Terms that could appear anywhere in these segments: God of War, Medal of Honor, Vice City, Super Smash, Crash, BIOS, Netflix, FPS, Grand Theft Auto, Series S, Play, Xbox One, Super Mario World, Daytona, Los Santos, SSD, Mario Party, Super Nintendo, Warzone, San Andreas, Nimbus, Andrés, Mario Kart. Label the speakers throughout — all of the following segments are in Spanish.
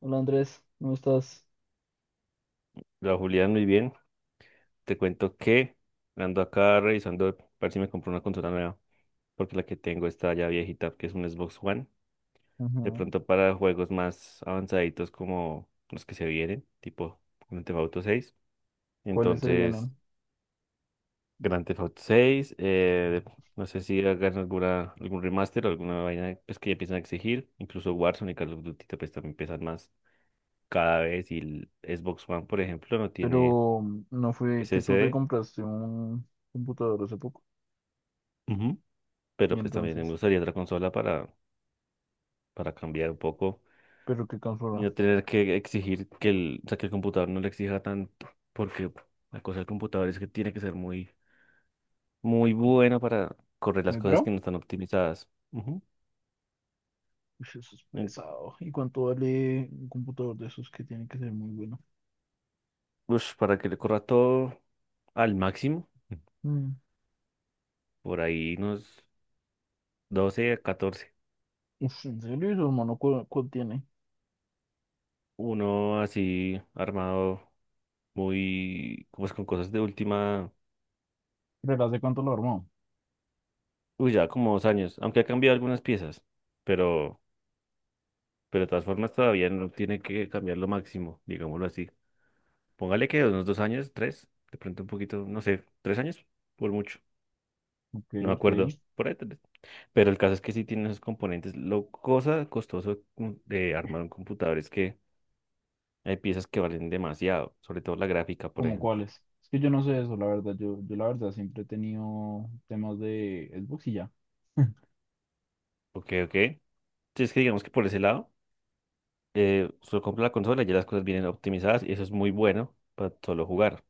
Speaker 1: Hola Andrés, ¿cómo estás?
Speaker 2: La Julián, muy bien. Te cuento que ando acá revisando a ver si me compro una consola nueva, porque la que tengo está ya viejita, que es un Xbox One. De
Speaker 1: Ujú.
Speaker 2: pronto para juegos más avanzaditos como los que se vienen, tipo Grand Theft Auto seis.
Speaker 1: ¿Cuáles se
Speaker 2: Entonces,
Speaker 1: vienen?
Speaker 2: Grand Theft Auto seis, no sé si hagan algún remaster o alguna vaina, pues, que ya empiezan a exigir. Incluso Warzone y Call of Duty pues también pesan más cada vez, y el Xbox One, por ejemplo, no tiene
Speaker 1: Pero no fue que tú te
Speaker 2: SSD.
Speaker 1: compraste un computador hace poco. Y
Speaker 2: Pero pues también me
Speaker 1: entonces,
Speaker 2: gustaría otra consola para, cambiar un poco
Speaker 1: ¿pero qué
Speaker 2: y
Speaker 1: consola?
Speaker 2: no tener que exigir que el, o sea, que el computador no le exija tanto, porque la cosa del computador es que tiene que ser muy, muy buena para correr las
Speaker 1: Muy
Speaker 2: cosas
Speaker 1: pro.
Speaker 2: que no están optimizadas. Ujú.
Speaker 1: Ush, eso es
Speaker 2: En-
Speaker 1: pesado. ¿Y cuánto vale un computador de esos que tiene que ser muy bueno?
Speaker 2: Ush, para que le corra todo al máximo,
Speaker 1: Mm.
Speaker 2: por ahí unos doce a 14.
Speaker 1: Ush, ¿en serio? ¿Y su hermano cuál tiene?
Speaker 2: Uno así armado muy, pues, con cosas de última.
Speaker 1: ¿Pero hace cuánto lo armó?
Speaker 2: Uy, ya como dos años, aunque ha cambiado algunas piezas, pero... Pero de todas formas todavía no tiene que cambiar lo máximo, digámoslo así. Póngale que unos dos años, tres, de pronto un poquito, no sé, tres años, por mucho,
Speaker 1: Ok,
Speaker 2: no me
Speaker 1: ok.
Speaker 2: acuerdo, por ahí tres. Pero el caso es que sí tiene esos componentes. Lo cosa costoso de armar un computador es que hay piezas que valen demasiado, sobre todo la gráfica, por
Speaker 1: ¿Cómo
Speaker 2: ejemplo.
Speaker 1: cuáles? Es que yo no sé eso, la verdad. Yo la verdad siempre he tenido temas de Xbox y ya.
Speaker 2: Ok, ok. Si es que digamos que por ese lado, solo compra la consola y ya las cosas vienen optimizadas, y eso es muy bueno para solo jugar.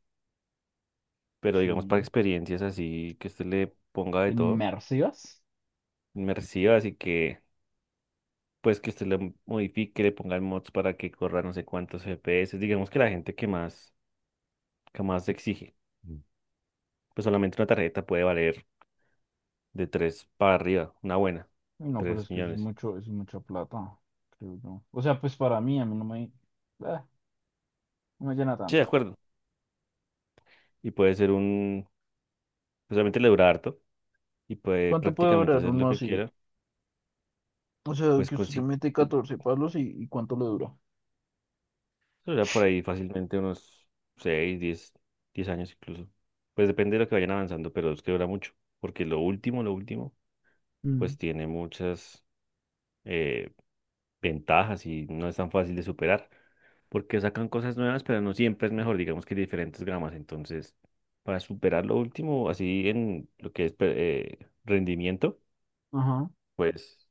Speaker 2: Pero digamos para
Speaker 1: Sí.
Speaker 2: experiencias así que usted le ponga de todo,
Speaker 1: ¿Inmersivas?
Speaker 2: me reciba, así que pues que usted le modifique, le ponga el mods para que corra no sé cuántos FPS. Digamos que la gente que más, exige. Mm. Pues solamente una tarjeta puede valer de 3 para arriba, una buena,
Speaker 1: No, pero
Speaker 2: 3
Speaker 1: es que eso es
Speaker 2: millones.
Speaker 1: mucho, eso es mucha plata, creo yo. O sea, pues para mí, a mí no me, no me llena
Speaker 2: Sí, de
Speaker 1: tanto.
Speaker 2: acuerdo. Y puede ser un, pues obviamente le dura harto y puede
Speaker 1: ¿Cuánto puede
Speaker 2: prácticamente
Speaker 1: durar
Speaker 2: hacer lo
Speaker 1: uno
Speaker 2: que
Speaker 1: así?
Speaker 2: quiera,
Speaker 1: O sea,
Speaker 2: pues
Speaker 1: que usted le
Speaker 2: consigue
Speaker 1: mete 14 palos y ¿cuánto le dura?
Speaker 2: por ahí fácilmente unos seis, 10 años incluso. Pues depende de lo que vayan avanzando, pero es que dura mucho, porque lo último, lo último
Speaker 1: Mm.
Speaker 2: pues tiene muchas eh, ventajas, y no es tan fácil de superar, porque sacan cosas nuevas, pero no siempre es mejor. Digamos que hay diferentes gramas. Entonces, para superar lo último, así en lo que es rendimiento,
Speaker 1: Ajá.
Speaker 2: pues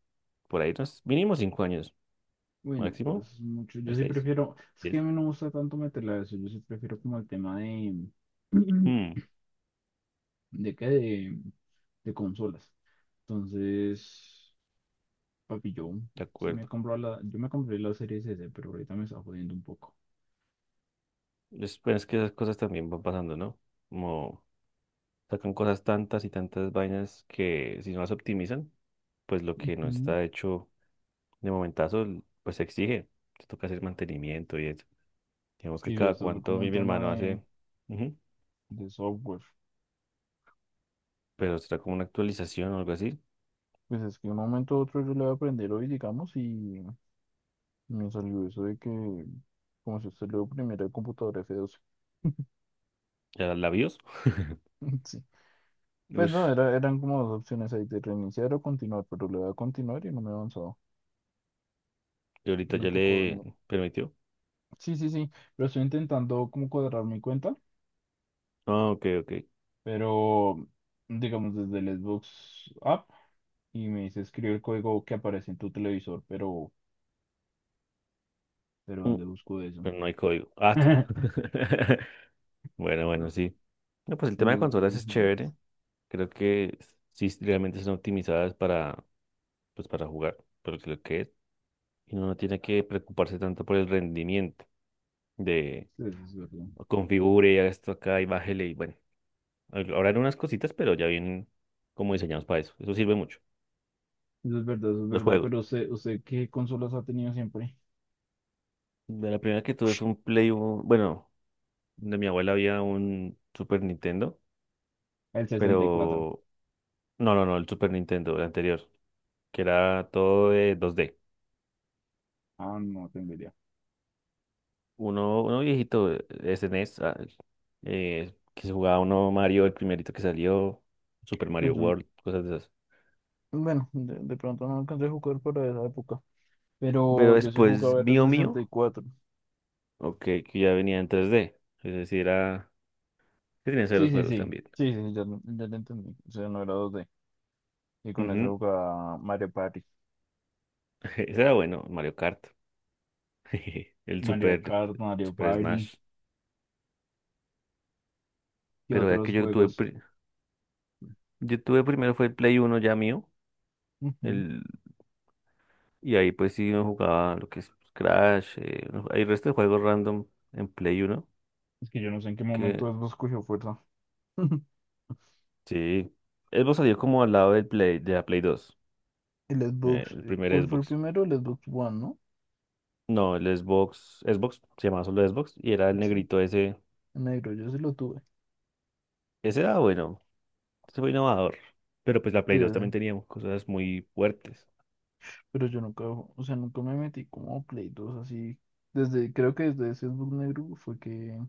Speaker 2: por ahí unos mínimo cinco años,
Speaker 1: Bueno, pero
Speaker 2: máximo
Speaker 1: eso es mucho.
Speaker 2: de
Speaker 1: Yo sí
Speaker 2: seis,
Speaker 1: prefiero, es que
Speaker 2: diez.
Speaker 1: a mí no me gusta tanto meterla a eso. Yo sí prefiero como el tema de,
Speaker 2: Mm,
Speaker 1: ¿de qué? De consolas. Entonces, papi,
Speaker 2: de acuerdo.
Speaker 1: yo me compré la Series S, pero ahorita me está jodiendo un poco.
Speaker 2: Es, pues, es que esas cosas también van pasando, ¿no? Como sacan cosas, tantas y tantas vainas que, si no las optimizan, pues lo que no está hecho de momentazo, pues se exige, te toca hacer mantenimiento y eso. Digamos que
Speaker 1: Y
Speaker 2: cada
Speaker 1: esto fue
Speaker 2: cuánto
Speaker 1: como
Speaker 2: mi,
Speaker 1: un
Speaker 2: mi
Speaker 1: tema
Speaker 2: hermano
Speaker 1: de,
Speaker 2: hace, ujú,
Speaker 1: software.
Speaker 2: pero será como una actualización o algo así.
Speaker 1: Pues es que de un momento a otro yo le voy a aprender hoy, digamos, y me salió eso de que, como si usted le oprimiera el computador F12.
Speaker 2: ¿Ya la BIOS?
Speaker 1: Sí. Pues no,
Speaker 2: Ush,
Speaker 1: eran como dos opciones ahí de reiniciar o continuar, pero le voy a continuar y no me he avanzado.
Speaker 2: y ahorita
Speaker 1: No me
Speaker 2: ya
Speaker 1: tocó.
Speaker 2: le
Speaker 1: No.
Speaker 2: permitió.
Speaker 1: Sí, sí, sí, pero estoy intentando como cuadrar mi cuenta,
Speaker 2: Ah, ok, ok.
Speaker 1: pero digamos desde el Xbox app y me dice escribe el código que aparece en tu televisor, pero
Speaker 2: Mm,
Speaker 1: ¿dónde busco eso?
Speaker 2: Pero no hay código. Ah, bueno, bueno, sí. No, pues el tema
Speaker 1: No,
Speaker 2: de consolas es
Speaker 1: ujú.
Speaker 2: chévere. Creo que sí, sí, realmente son optimizadas para, pues, para jugar, por lo que es. Y uno no tiene que preocuparse tanto por el rendimiento de
Speaker 1: Eso es verdad.
Speaker 2: configure, haga esto acá y bájele. Y bueno, ahora eran unas cositas, pero ya vienen como diseñados para eso. Eso sirve mucho.
Speaker 1: Eso es verdad, eso es
Speaker 2: Los
Speaker 1: verdad.
Speaker 2: juegos.
Speaker 1: Pero usted, ¿qué consolas ha tenido siempre?
Speaker 2: De la primera que tuve fue un Play, bueno, de mi abuela había un Super Nintendo,
Speaker 1: El 64.
Speaker 2: pero no, no, no, el Super Nintendo, el anterior, que era todo de dos d.
Speaker 1: Ah, no tengo idea.
Speaker 2: Uno viejito, SNES, que se jugaba uno Mario, el primerito que salió, Super
Speaker 1: No,
Speaker 2: Mario
Speaker 1: yo no-
Speaker 2: World, cosas de esas.
Speaker 1: bueno, de pronto no alcancé a jugar para esa época. Pero
Speaker 2: Pero
Speaker 1: yo sí
Speaker 2: después
Speaker 1: jugaba era el
Speaker 2: mío,
Speaker 1: sesenta y cuatro
Speaker 2: ok, que ya venía en tres d, es decir, era... ¿Qué tenías de
Speaker 1: Sí,
Speaker 2: los
Speaker 1: sí,
Speaker 2: juegos
Speaker 1: sí.
Speaker 2: también?
Speaker 1: Sí, sí, ya, ya lo entendí. O sea, no era dos d. Y con eso
Speaker 2: Ujú.
Speaker 1: jugaba Mario Party.
Speaker 2: Ese era bueno, Mario Kart. El
Speaker 1: Mario Kart, Mario
Speaker 2: Super
Speaker 1: Party
Speaker 2: Smash.
Speaker 1: y
Speaker 2: Pero ya que
Speaker 1: otros
Speaker 2: yo tuve,
Speaker 1: juegos.
Speaker 2: yo tuve primero fue el Play Uno ya mío.
Speaker 1: Ujú.
Speaker 2: El, y ahí pues sí uno jugaba lo que es Crash. Hay resto de juegos random en Play Uno.
Speaker 1: Es que yo no sé en qué momento
Speaker 2: Que
Speaker 1: Xbox cogió fuerza.
Speaker 2: sí. Xbox salió como al lado del Play, de la Play dos,
Speaker 1: El Xbox,
Speaker 2: el primer
Speaker 1: ¿cuál fue el
Speaker 2: Xbox.
Speaker 1: primero? El Xbox One, ¿no?
Speaker 2: No, el Xbox. Xbox se llamaba, solo Xbox. Y era el
Speaker 1: Sí.
Speaker 2: negrito ese.
Speaker 1: Negro, yo sí lo tuve.
Speaker 2: Ese era bueno. Eso fue innovador. Pero pues la
Speaker 1: Sí,
Speaker 2: Play dos también teníamos cosas muy fuertes.
Speaker 1: pero yo nunca, o sea, nunca me metí como a Play 2 así. Creo que desde ese book negro fue que,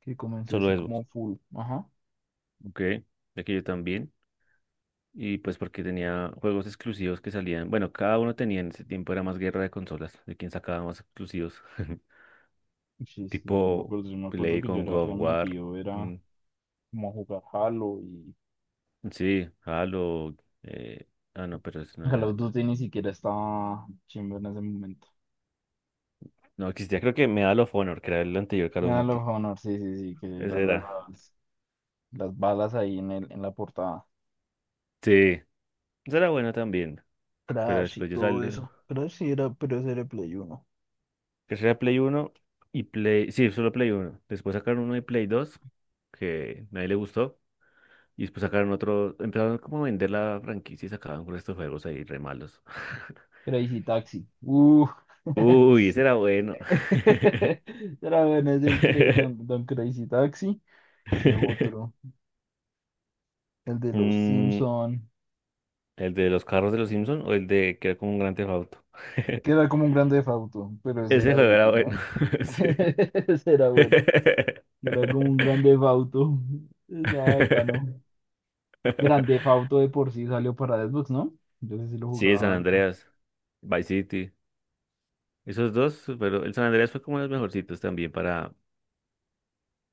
Speaker 1: que comencé
Speaker 2: Solo
Speaker 1: así
Speaker 2: Xbox.
Speaker 1: como full. Ajá.
Speaker 2: Ok, ya que yo también. Y pues porque tenía juegos exclusivos que salían. Bueno, cada uno tenía, en ese tiempo era más guerra de consolas, de quién sacaba más exclusivos.
Speaker 1: Sí, sí, yo no me
Speaker 2: Tipo
Speaker 1: acuerdo, yo me acuerdo
Speaker 2: Play
Speaker 1: que yo
Speaker 2: con
Speaker 1: era
Speaker 2: God of War.
Speaker 1: remetido, era
Speaker 2: Mm.
Speaker 1: como jugar Halo y
Speaker 2: Sí, Halo. eh, Ah, no, pero eso no
Speaker 1: Call
Speaker 2: era.
Speaker 1: of Duty ni siquiera estaba chimba en ese momento.
Speaker 2: No, existía, creo, que Medal of Honor, que era el anterior Call of
Speaker 1: Mira los
Speaker 2: Duty.
Speaker 1: Honor, sí, sí, sí, que
Speaker 2: Ese
Speaker 1: eran las,
Speaker 2: era.
Speaker 1: las balas ahí en el, en la portada.
Speaker 2: Sí, ese era bueno también. Pero
Speaker 1: Crash y
Speaker 2: después yo
Speaker 1: todo
Speaker 2: salí,
Speaker 1: eso. Crash sí era, pero ese era Play 1.
Speaker 2: que sería Play uno y Play, sí, solo Play uno. Después sacaron uno de Play dos que nadie le gustó. Y después sacaron otro, empezaron como a vender la franquicia y sacaban con estos juegos ahí re malos.
Speaker 1: Crazy Taxi.
Speaker 2: Uy, ese era bueno.
Speaker 1: Era bueno, es el Don, Don Crazy Taxi. ¿Qué otro? El de los
Speaker 2: Mm,
Speaker 1: Simpson.
Speaker 2: ¿el de los carros de los Simpson o el de que era como un gran Theft Auto?
Speaker 1: Que era como un grande Theft Auto, pero ese
Speaker 2: Ese
Speaker 1: era, de
Speaker 2: juego era bueno.
Speaker 1: ¿no?
Speaker 2: Sí.
Speaker 1: Ese era bueno. Que era como un grande Theft Auto. Estaba bacano. Grande Theft Auto de por sí salió para Xbox, ¿no? Yo sí lo
Speaker 2: Sí, San
Speaker 1: jugaba harto.
Speaker 2: Andreas, Vice City. Esos dos, pero el San Andreas fue como de los mejorcitos también para,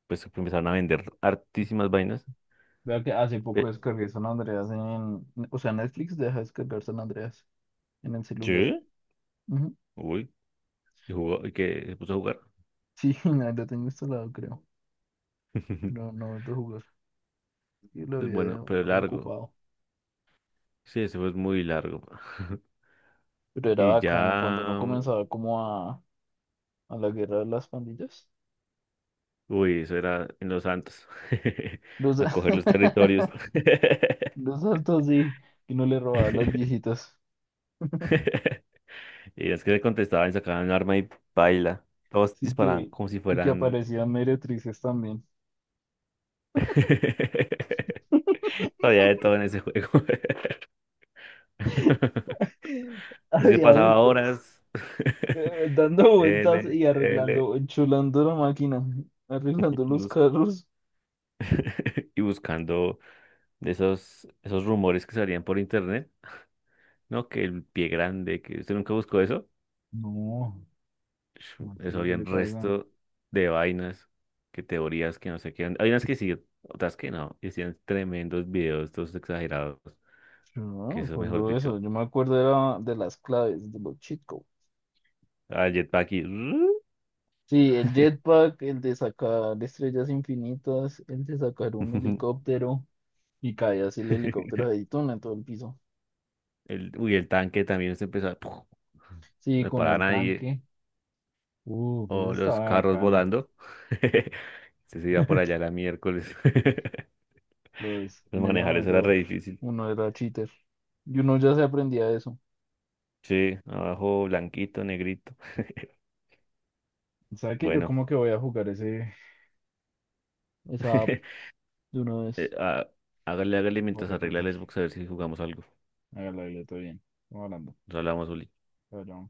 Speaker 2: pues, que empezaron a vender hartísimas vainas.
Speaker 1: Vea que hace poco
Speaker 2: Eh,
Speaker 1: descargué San Andreas en... O sea, Netflix deja descargar San Andreas en el celular.
Speaker 2: ¿Qué?
Speaker 1: Ujú.
Speaker 2: Uy, y jugó, y que se puso a jugar.
Speaker 1: Sí, ahí lo tengo instalado, creo. Pero no he vuelto a jugar. Y la
Speaker 2: Es
Speaker 1: vida de
Speaker 2: bueno, pero
Speaker 1: uno de
Speaker 2: largo.
Speaker 1: ocupado.
Speaker 2: Sí, ese fue muy largo.
Speaker 1: Pero era
Speaker 2: Y
Speaker 1: bacano cuando uno
Speaker 2: ya,
Speaker 1: comenzaba como a la guerra de las pandillas.
Speaker 2: uy, eso era en Los Santos.
Speaker 1: Los,
Speaker 2: A coger los territorios.
Speaker 1: los altos sí, que no le robaban las viejitas.
Speaker 2: Y es que le contestaban, sacaban un arma y baila. Todos
Speaker 1: Sí
Speaker 2: disparaban
Speaker 1: que,
Speaker 2: como si
Speaker 1: y que
Speaker 2: fueran...
Speaker 1: aparecían meretrices también.
Speaker 2: Había de todo en ese juego. Así se
Speaker 1: Había
Speaker 2: pasaba
Speaker 1: esto,
Speaker 2: horas.
Speaker 1: dando vueltas
Speaker 2: Tele,
Speaker 1: y
Speaker 2: tele,
Speaker 1: arreglando, enchulando la máquina, arreglando los
Speaker 2: bus-
Speaker 1: carros.
Speaker 2: y buscando esos rumores que salían por internet, ¿no? Que el pie grande, que usted nunca buscó eso.
Speaker 1: No,
Speaker 2: Sh,
Speaker 1: ¿cómo
Speaker 2: eso
Speaker 1: así? ¿Qué
Speaker 2: había
Speaker 1: le
Speaker 2: un
Speaker 1: pasa?
Speaker 2: resto de vainas, que teorías, que no sé qué. Hay unas que sí, otras que no. Y hacían tremendos videos, todos exagerados.
Speaker 1: Yo no
Speaker 2: Que
Speaker 1: me
Speaker 2: eso, mejor
Speaker 1: acuerdo de eso,
Speaker 2: dicho.
Speaker 1: yo me acuerdo era de las claves, de los cheat.
Speaker 2: Ah, el jetpack y...
Speaker 1: Sí, el jetpack, el de sacar estrellas infinitas, el de sacar un helicóptero y cae así el helicóptero de Daytona en todo el piso.
Speaker 2: El tanque también se empezó a...
Speaker 1: Sí,
Speaker 2: No le
Speaker 1: con
Speaker 2: paraba a
Speaker 1: el
Speaker 2: nadie.
Speaker 1: tanque. Eso
Speaker 2: O los
Speaker 1: estaba
Speaker 2: carros
Speaker 1: bacano.
Speaker 2: volando. Si se iba por allá la miércoles.
Speaker 1: Los, en ese
Speaker 2: Manejar eso era re
Speaker 1: momento
Speaker 2: difícil.
Speaker 1: uno era cheater y uno ya se aprendía eso.
Speaker 2: Sí, abajo blanquito, negrito.
Speaker 1: ¿Sabe que yo
Speaker 2: Bueno,
Speaker 1: como que voy a jugar esa app
Speaker 2: eh,
Speaker 1: de una vez?
Speaker 2: ah, hágale, hágale
Speaker 1: Por
Speaker 2: mientras arregla
Speaker 1: recordar.
Speaker 2: el Xbox a ver si jugamos algo.
Speaker 1: Hágale, todo bien. Estamos hablando.
Speaker 2: Nos hablamos, Uli.
Speaker 1: Chao, chao.